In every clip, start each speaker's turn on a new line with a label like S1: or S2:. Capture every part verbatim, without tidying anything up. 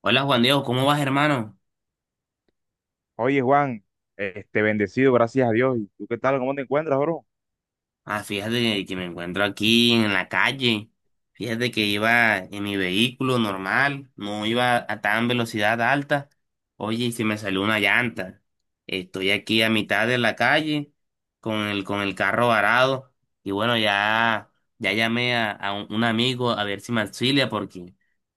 S1: Hola Juan Diego, ¿cómo vas, hermano?
S2: Oye, Juan, este bendecido, gracias a Dios. ¿Y tú qué tal? ¿Cómo te encuentras, bro?
S1: Ah, fíjate que me encuentro aquí en la calle. Fíjate que iba en mi vehículo normal, no iba a tan velocidad alta. Oye, y se me salió una llanta. Estoy aquí a mitad de la calle con el, con el carro varado. Y bueno, ya, ya llamé a, a un, un amigo a ver si me auxilia porque,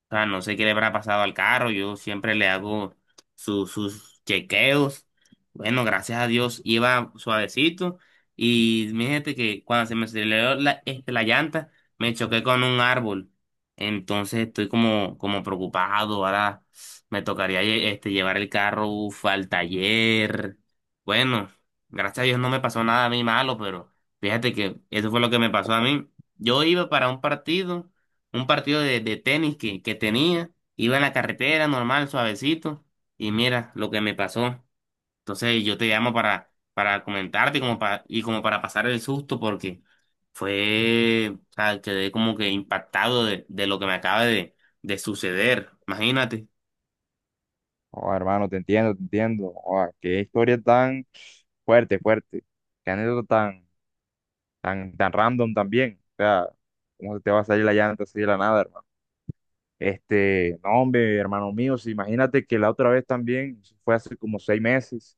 S1: o sea, no sé qué le habrá pasado al carro. Yo siempre le hago su- sus chequeos. Bueno, gracias a Dios iba suavecito y fíjate que cuando se me aceleró la, este, la llanta, me choqué con un árbol. Entonces estoy como, como preocupado. Ahora me tocaría lle- este, llevar el carro uf, al taller. Bueno, gracias a Dios no me pasó nada a mí malo, pero fíjate que eso fue lo que me pasó a mí. Yo iba para un partido, un partido de, de tenis que, que tenía. Iba en la carretera normal, suavecito. Y mira lo que me pasó. Entonces yo te llamo para, para comentarte como pa- y como para pasar el susto porque fue, o sea, quedé como que impactado de, de lo que me acaba de, de suceder. Imagínate.
S2: Oh, hermano, te entiendo, te entiendo. Oh, qué historia tan fuerte, fuerte. Qué anécdota tan, tan, tan random también. O sea, cómo se te va a salir la llanta así de la nada, hermano. Este, no, hombre, hermano mío, si imagínate que la otra vez también, eso fue hace como seis meses,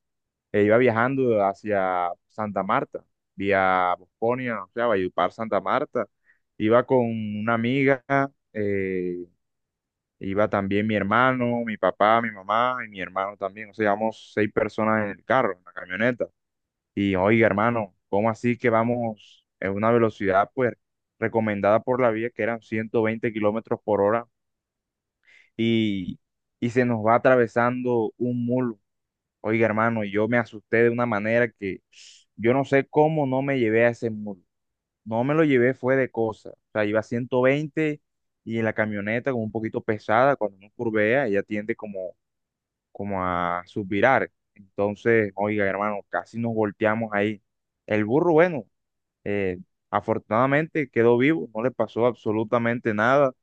S2: eh, iba viajando hacia Santa Marta, vía Bosconia, o sea, Valledupar, Santa Marta. Iba con una amiga. eh, Iba también mi hermano, mi papá, mi mamá y mi hermano también. O sea, íbamos seis personas en el carro, en la camioneta. Y oiga, hermano, ¿cómo así que vamos en una velocidad, pues, recomendada por la vía, que eran ciento veinte kilómetros por hora, y, y se nos va atravesando un mulo? Oiga, hermano, y yo me asusté de una manera que yo no sé cómo no me llevé a ese mulo. No me lo llevé, fue de cosa. O sea, iba a ciento veinte y en la camioneta como un poquito pesada, cuando uno curvea, ella tiende como como a suspirar. Entonces, oiga, hermano, casi nos volteamos ahí. El burro, bueno, eh, afortunadamente quedó vivo, no le pasó absolutamente nada.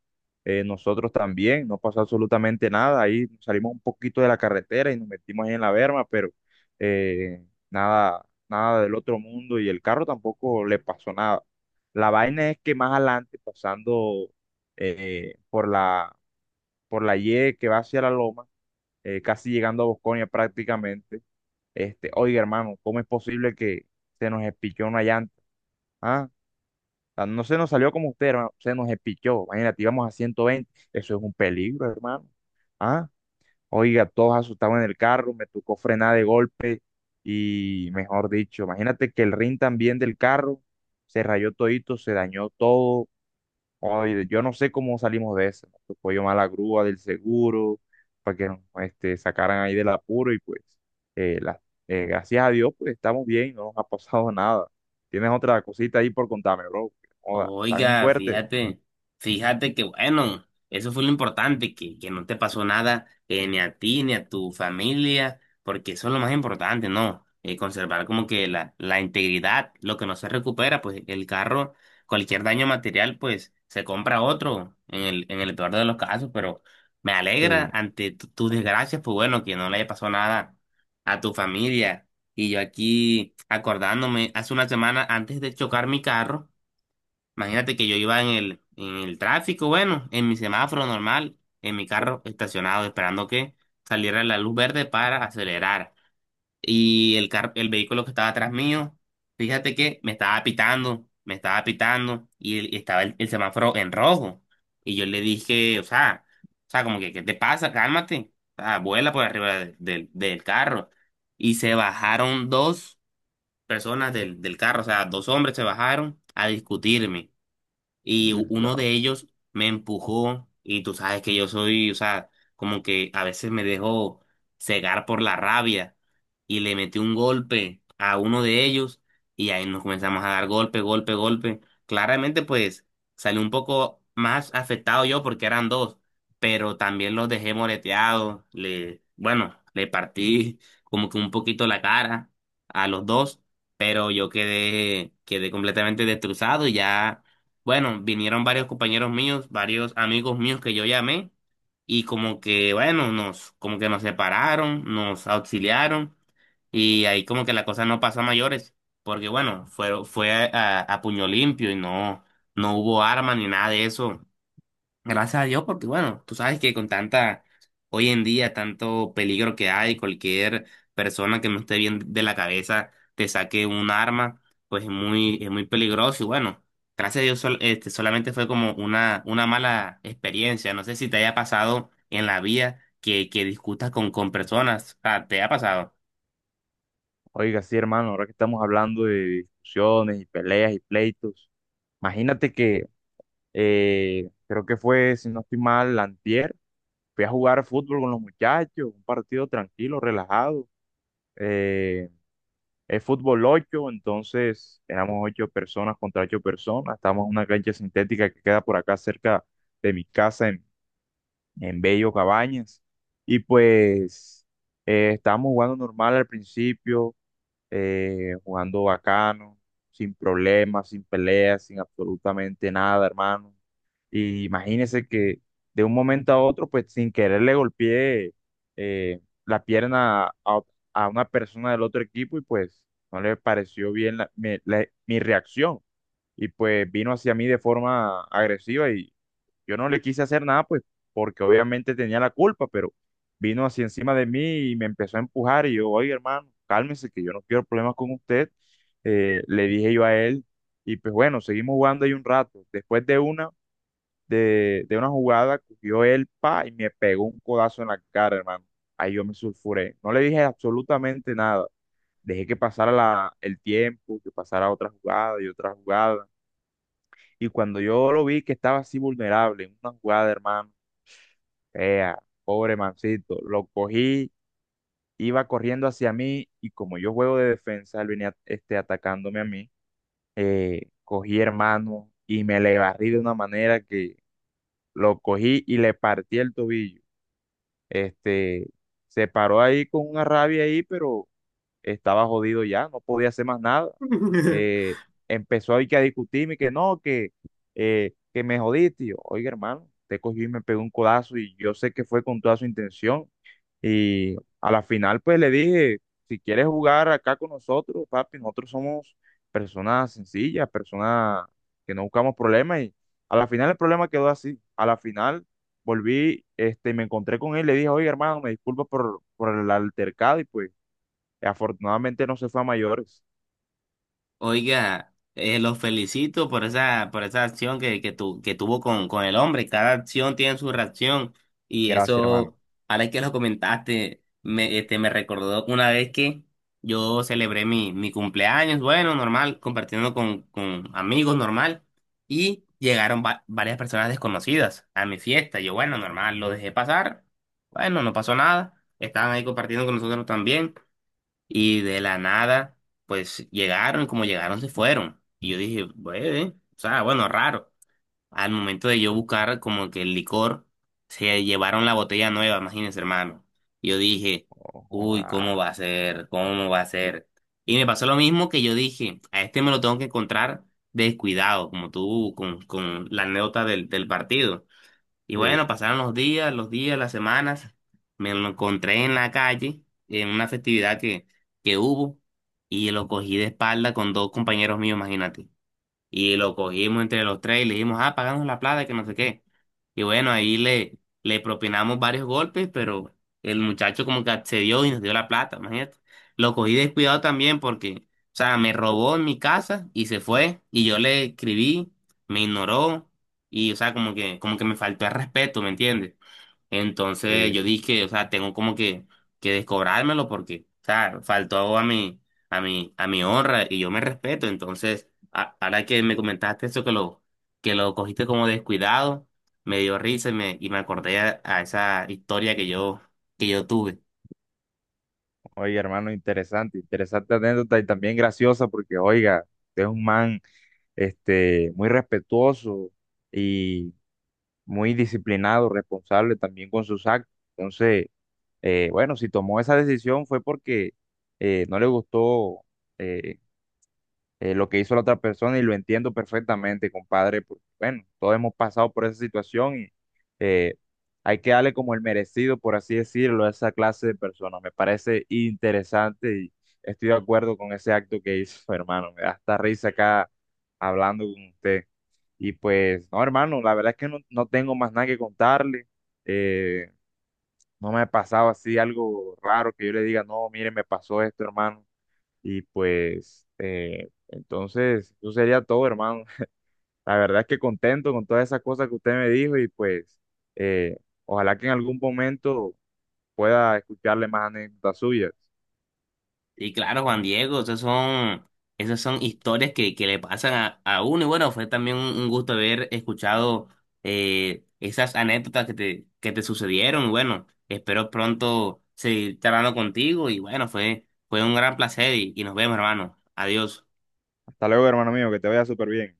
S2: Eh, nosotros también, no pasó absolutamente nada. Ahí salimos un poquito de la carretera y nos metimos ahí en la berma, pero eh, nada, nada del otro mundo y el carro tampoco le pasó nada. La vaina es que más adelante, pasando eh, por la, por la Y que va hacia la loma, eh, casi llegando a Bosconia prácticamente. Este, oiga, hermano, ¿cómo es posible que se nos espichó una llanta? Ah, Ah, no se nos salió como usted, hermano, se nos espichó. Imagínate, íbamos a ciento veinte, eso es un peligro, hermano. Ah, Oiga, todos asustados en el carro, me tocó frenar de golpe y, mejor dicho, imagínate que el rin también del carro se rayó todito, se dañó todo. Oye, yo no sé cómo salimos de eso. Nos tocó llamar a la grúa del seguro para que nos este, sacaran ahí del apuro y pues eh, la- eh, gracias a Dios pues estamos bien, no nos ha pasado nada. ¿Tienes otra cosita ahí por contarme, bro? Joda, tan
S1: Oiga,
S2: fuerte.
S1: fíjate, fíjate que bueno, eso fue lo importante, que, que no te pasó nada eh, ni a ti ni a tu familia, porque eso es lo más importante, ¿no? Eh, conservar como que la, la integridad, lo que no se recupera, pues el carro, cualquier daño material, pues se compra otro en el, en el peor de los casos, pero me alegra
S2: Sí,
S1: ante tu- tus desgracias, pues bueno, que no le haya pasado nada a tu familia. Y yo aquí acordándome, hace una semana antes de chocar mi carro, imagínate que yo iba en el, en el tráfico, bueno, en mi semáforo normal, en mi carro estacionado, esperando que saliera la luz verde para acelerar. Y el car- el vehículo que estaba atrás mío, fíjate que me estaba pitando, me estaba pitando, y, el- y estaba el, el semáforo en rojo. Y yo le dije, o sea, o sea, como que, ¿qué te pasa? Cálmate. O sea, vuela por arriba de- del del carro. Y se bajaron dos personas del, del carro, o sea, dos hombres se bajaron a discutirme y uno
S2: verdad.
S1: de ellos me empujó y tú sabes que yo soy, o sea, como que a veces me dejo cegar por la rabia y le metí un golpe a uno de ellos y ahí nos comenzamos a dar golpe, golpe, golpe. Claramente pues salí un poco más afectado yo porque eran dos, pero también los dejé moreteados, le, bueno, le partí como que un poquito la cara a los dos, pero yo quedé, quedé completamente destrozado y ya bueno, vinieron varios compañeros míos, varios amigos míos que yo llamé y como que, bueno, nos, como que nos separaron, nos auxiliaron y ahí como que la cosa no pasó a mayores, porque bueno, fue, fue a, a puño limpio y no, no hubo arma ni nada de eso. Gracias a Dios, porque bueno, tú sabes que con tanta, hoy en día, tanto peligro que hay, cualquier persona que no esté bien de la cabeza te saque un arma, pues es muy, es muy peligroso. Y bueno, gracias a Dios, sol- este, solamente fue como una, una mala experiencia. No sé si te haya pasado en la vida que, que discutas con, con personas. Ah, ¿te ha pasado?
S2: Oiga, sí, hermano, ahora que estamos hablando de discusiones y peleas y pleitos, imagínate que eh, creo que fue, si no estoy mal, antier, fui a jugar fútbol con los muchachos, un partido tranquilo, relajado. eh, Es fútbol ocho, entonces éramos ocho personas contra ocho personas. Estamos en una cancha sintética que queda por acá cerca de mi casa en, en Bello Cabañas. Y pues eh, estábamos jugando normal al principio, eh, jugando bacano, sin problemas, sin peleas, sin absolutamente nada, hermano. Y imagínese que de un momento a otro, pues sin querer le golpeé eh, la pierna a, a una persona del otro equipo y pues no le pareció bien la- mi, la- mi reacción. Y pues vino hacia mí de forma agresiva y yo no le quise hacer nada, pues, porque obviamente tenía la culpa, pero vino así encima de mí y me empezó a empujar y yo, oye, hermano, cálmese, que yo no quiero problemas con usted. Eh, le dije yo a él y pues bueno, seguimos jugando ahí un rato. Después de una, de, de una jugada, cogió él, pa, y me pegó un codazo en la cara, hermano. Ahí yo me sulfuré. No le dije absolutamente nada. Dejé que pasara la, el tiempo, que pasara otra jugada y otra jugada. Y cuando yo lo vi que estaba así vulnerable en una jugada, hermano, ea, pobre mancito, lo cogí, iba corriendo hacia mí y como yo juego de defensa, él venía este, atacándome a mí, eh, cogí hermano y me le barrí de una manera que lo cogí y le partí el tobillo. Este, Se paró ahí con una rabia ahí, pero estaba jodido ya, no podía hacer más nada. Eh, Empezó ahí que a discutirme, que no, que, eh, que me jodiste. Y yo, oiga hermano, te cogió y me pegó un codazo y yo sé que fue con toda su intención y a la final, pues le dije, si quieres jugar acá con nosotros, papi, nosotros somos personas sencillas, personas que no buscamos problemas. Y a la final el problema quedó así. A la final volví, este, me encontré con él, le dije, oye, hermano, me disculpo por, por el altercado y pues afortunadamente no se fue a mayores.
S1: Oiga, eh, los felicito por esa, por esa acción que, que, tu- que tuvo con, con el hombre. Cada acción tiene su reacción. Y
S2: Gracias, hermano.
S1: eso, ahora que lo comentaste, me, este, me recordó una vez que yo celebré mi, mi cumpleaños, bueno, normal, compartiendo con, con amigos, normal. Y llegaron va- varias personas desconocidas a mi fiesta. Yo, bueno, normal, lo dejé pasar. Bueno, no pasó nada. Estaban ahí compartiendo con nosotros también. Y de la nada, pues llegaron, como llegaron, se fueron. Y yo dije, bueno, o sea, bueno, raro. Al momento de yo buscar como que el licor, se llevaron la botella nueva, imagínense, hermano. Y yo dije,
S2: Ojo,
S1: uy,
S2: ah,
S1: ¿cómo va a ser? ¿Cómo va a ser? Y me pasó lo mismo que yo dije, a este me lo tengo que encontrar descuidado, como tú, con, con la anécdota del, del partido. Y
S2: sí,
S1: bueno, pasaron los días, los días, las semanas. Me lo encontré en la calle, en una festividad que, que hubo, y lo cogí de espalda con dos compañeros míos, imagínate. Y lo cogimos entre los tres y le dijimos, ah, pagamos la plata, que no sé qué. Y bueno, ahí le, le propinamos varios golpes, pero el muchacho como que accedió y nos dio la plata, imagínate. Lo cogí descuidado también porque, o sea, me robó en mi casa y se fue. Y yo le escribí, me ignoró y, o sea, como que, como que me faltó el respeto, ¿me entiendes? Entonces yo
S2: sí.
S1: dije, o sea, tengo como que, que descobrármelo porque, o sea, faltó a mi, a mi, a mi honra y yo me respeto. Entonces, a- ahora que me comentaste eso que lo, que lo cogiste como descuidado, me dio risa y me, y me acordé a, a esa historia que yo, que yo tuve.
S2: Oye, hermano, interesante, interesante anécdota y también graciosa porque, oiga, usted es un man. Este, muy respetuoso y muy disciplinado, responsable también con sus actos. Entonces, eh, bueno, si tomó esa decisión fue porque eh, no le gustó eh, eh, lo que hizo la otra persona y lo entiendo perfectamente, compadre, porque bueno, todos hemos pasado por esa situación y eh, hay que darle como el merecido, por así decirlo, a esa clase de personas. Me parece interesante y estoy de acuerdo con ese acto que hizo, hermano. Me da hasta risa acá hablando con usted. Y pues, no, hermano, la verdad es que no, no tengo más nada que contarle. Eh, no me ha pasado así algo raro que yo le diga, no, mire, me pasó esto, hermano. Y pues, eh, entonces, eso sería todo, hermano. La verdad es que contento con todas esas cosas que usted me dijo y pues, eh, ojalá que en algún momento pueda escucharle más anécdotas suyas.
S1: Y claro, Juan Diego, esas son, esas son historias que, que le pasan a, a uno. Y bueno, fue también un, un gusto haber escuchado eh, esas anécdotas que te, que te sucedieron. Y bueno, espero pronto seguir charlando contigo. Y bueno, fue, fue un gran placer y, y nos vemos, hermano. Adiós.
S2: Hasta luego, hermano mío, que te vaya súper bien.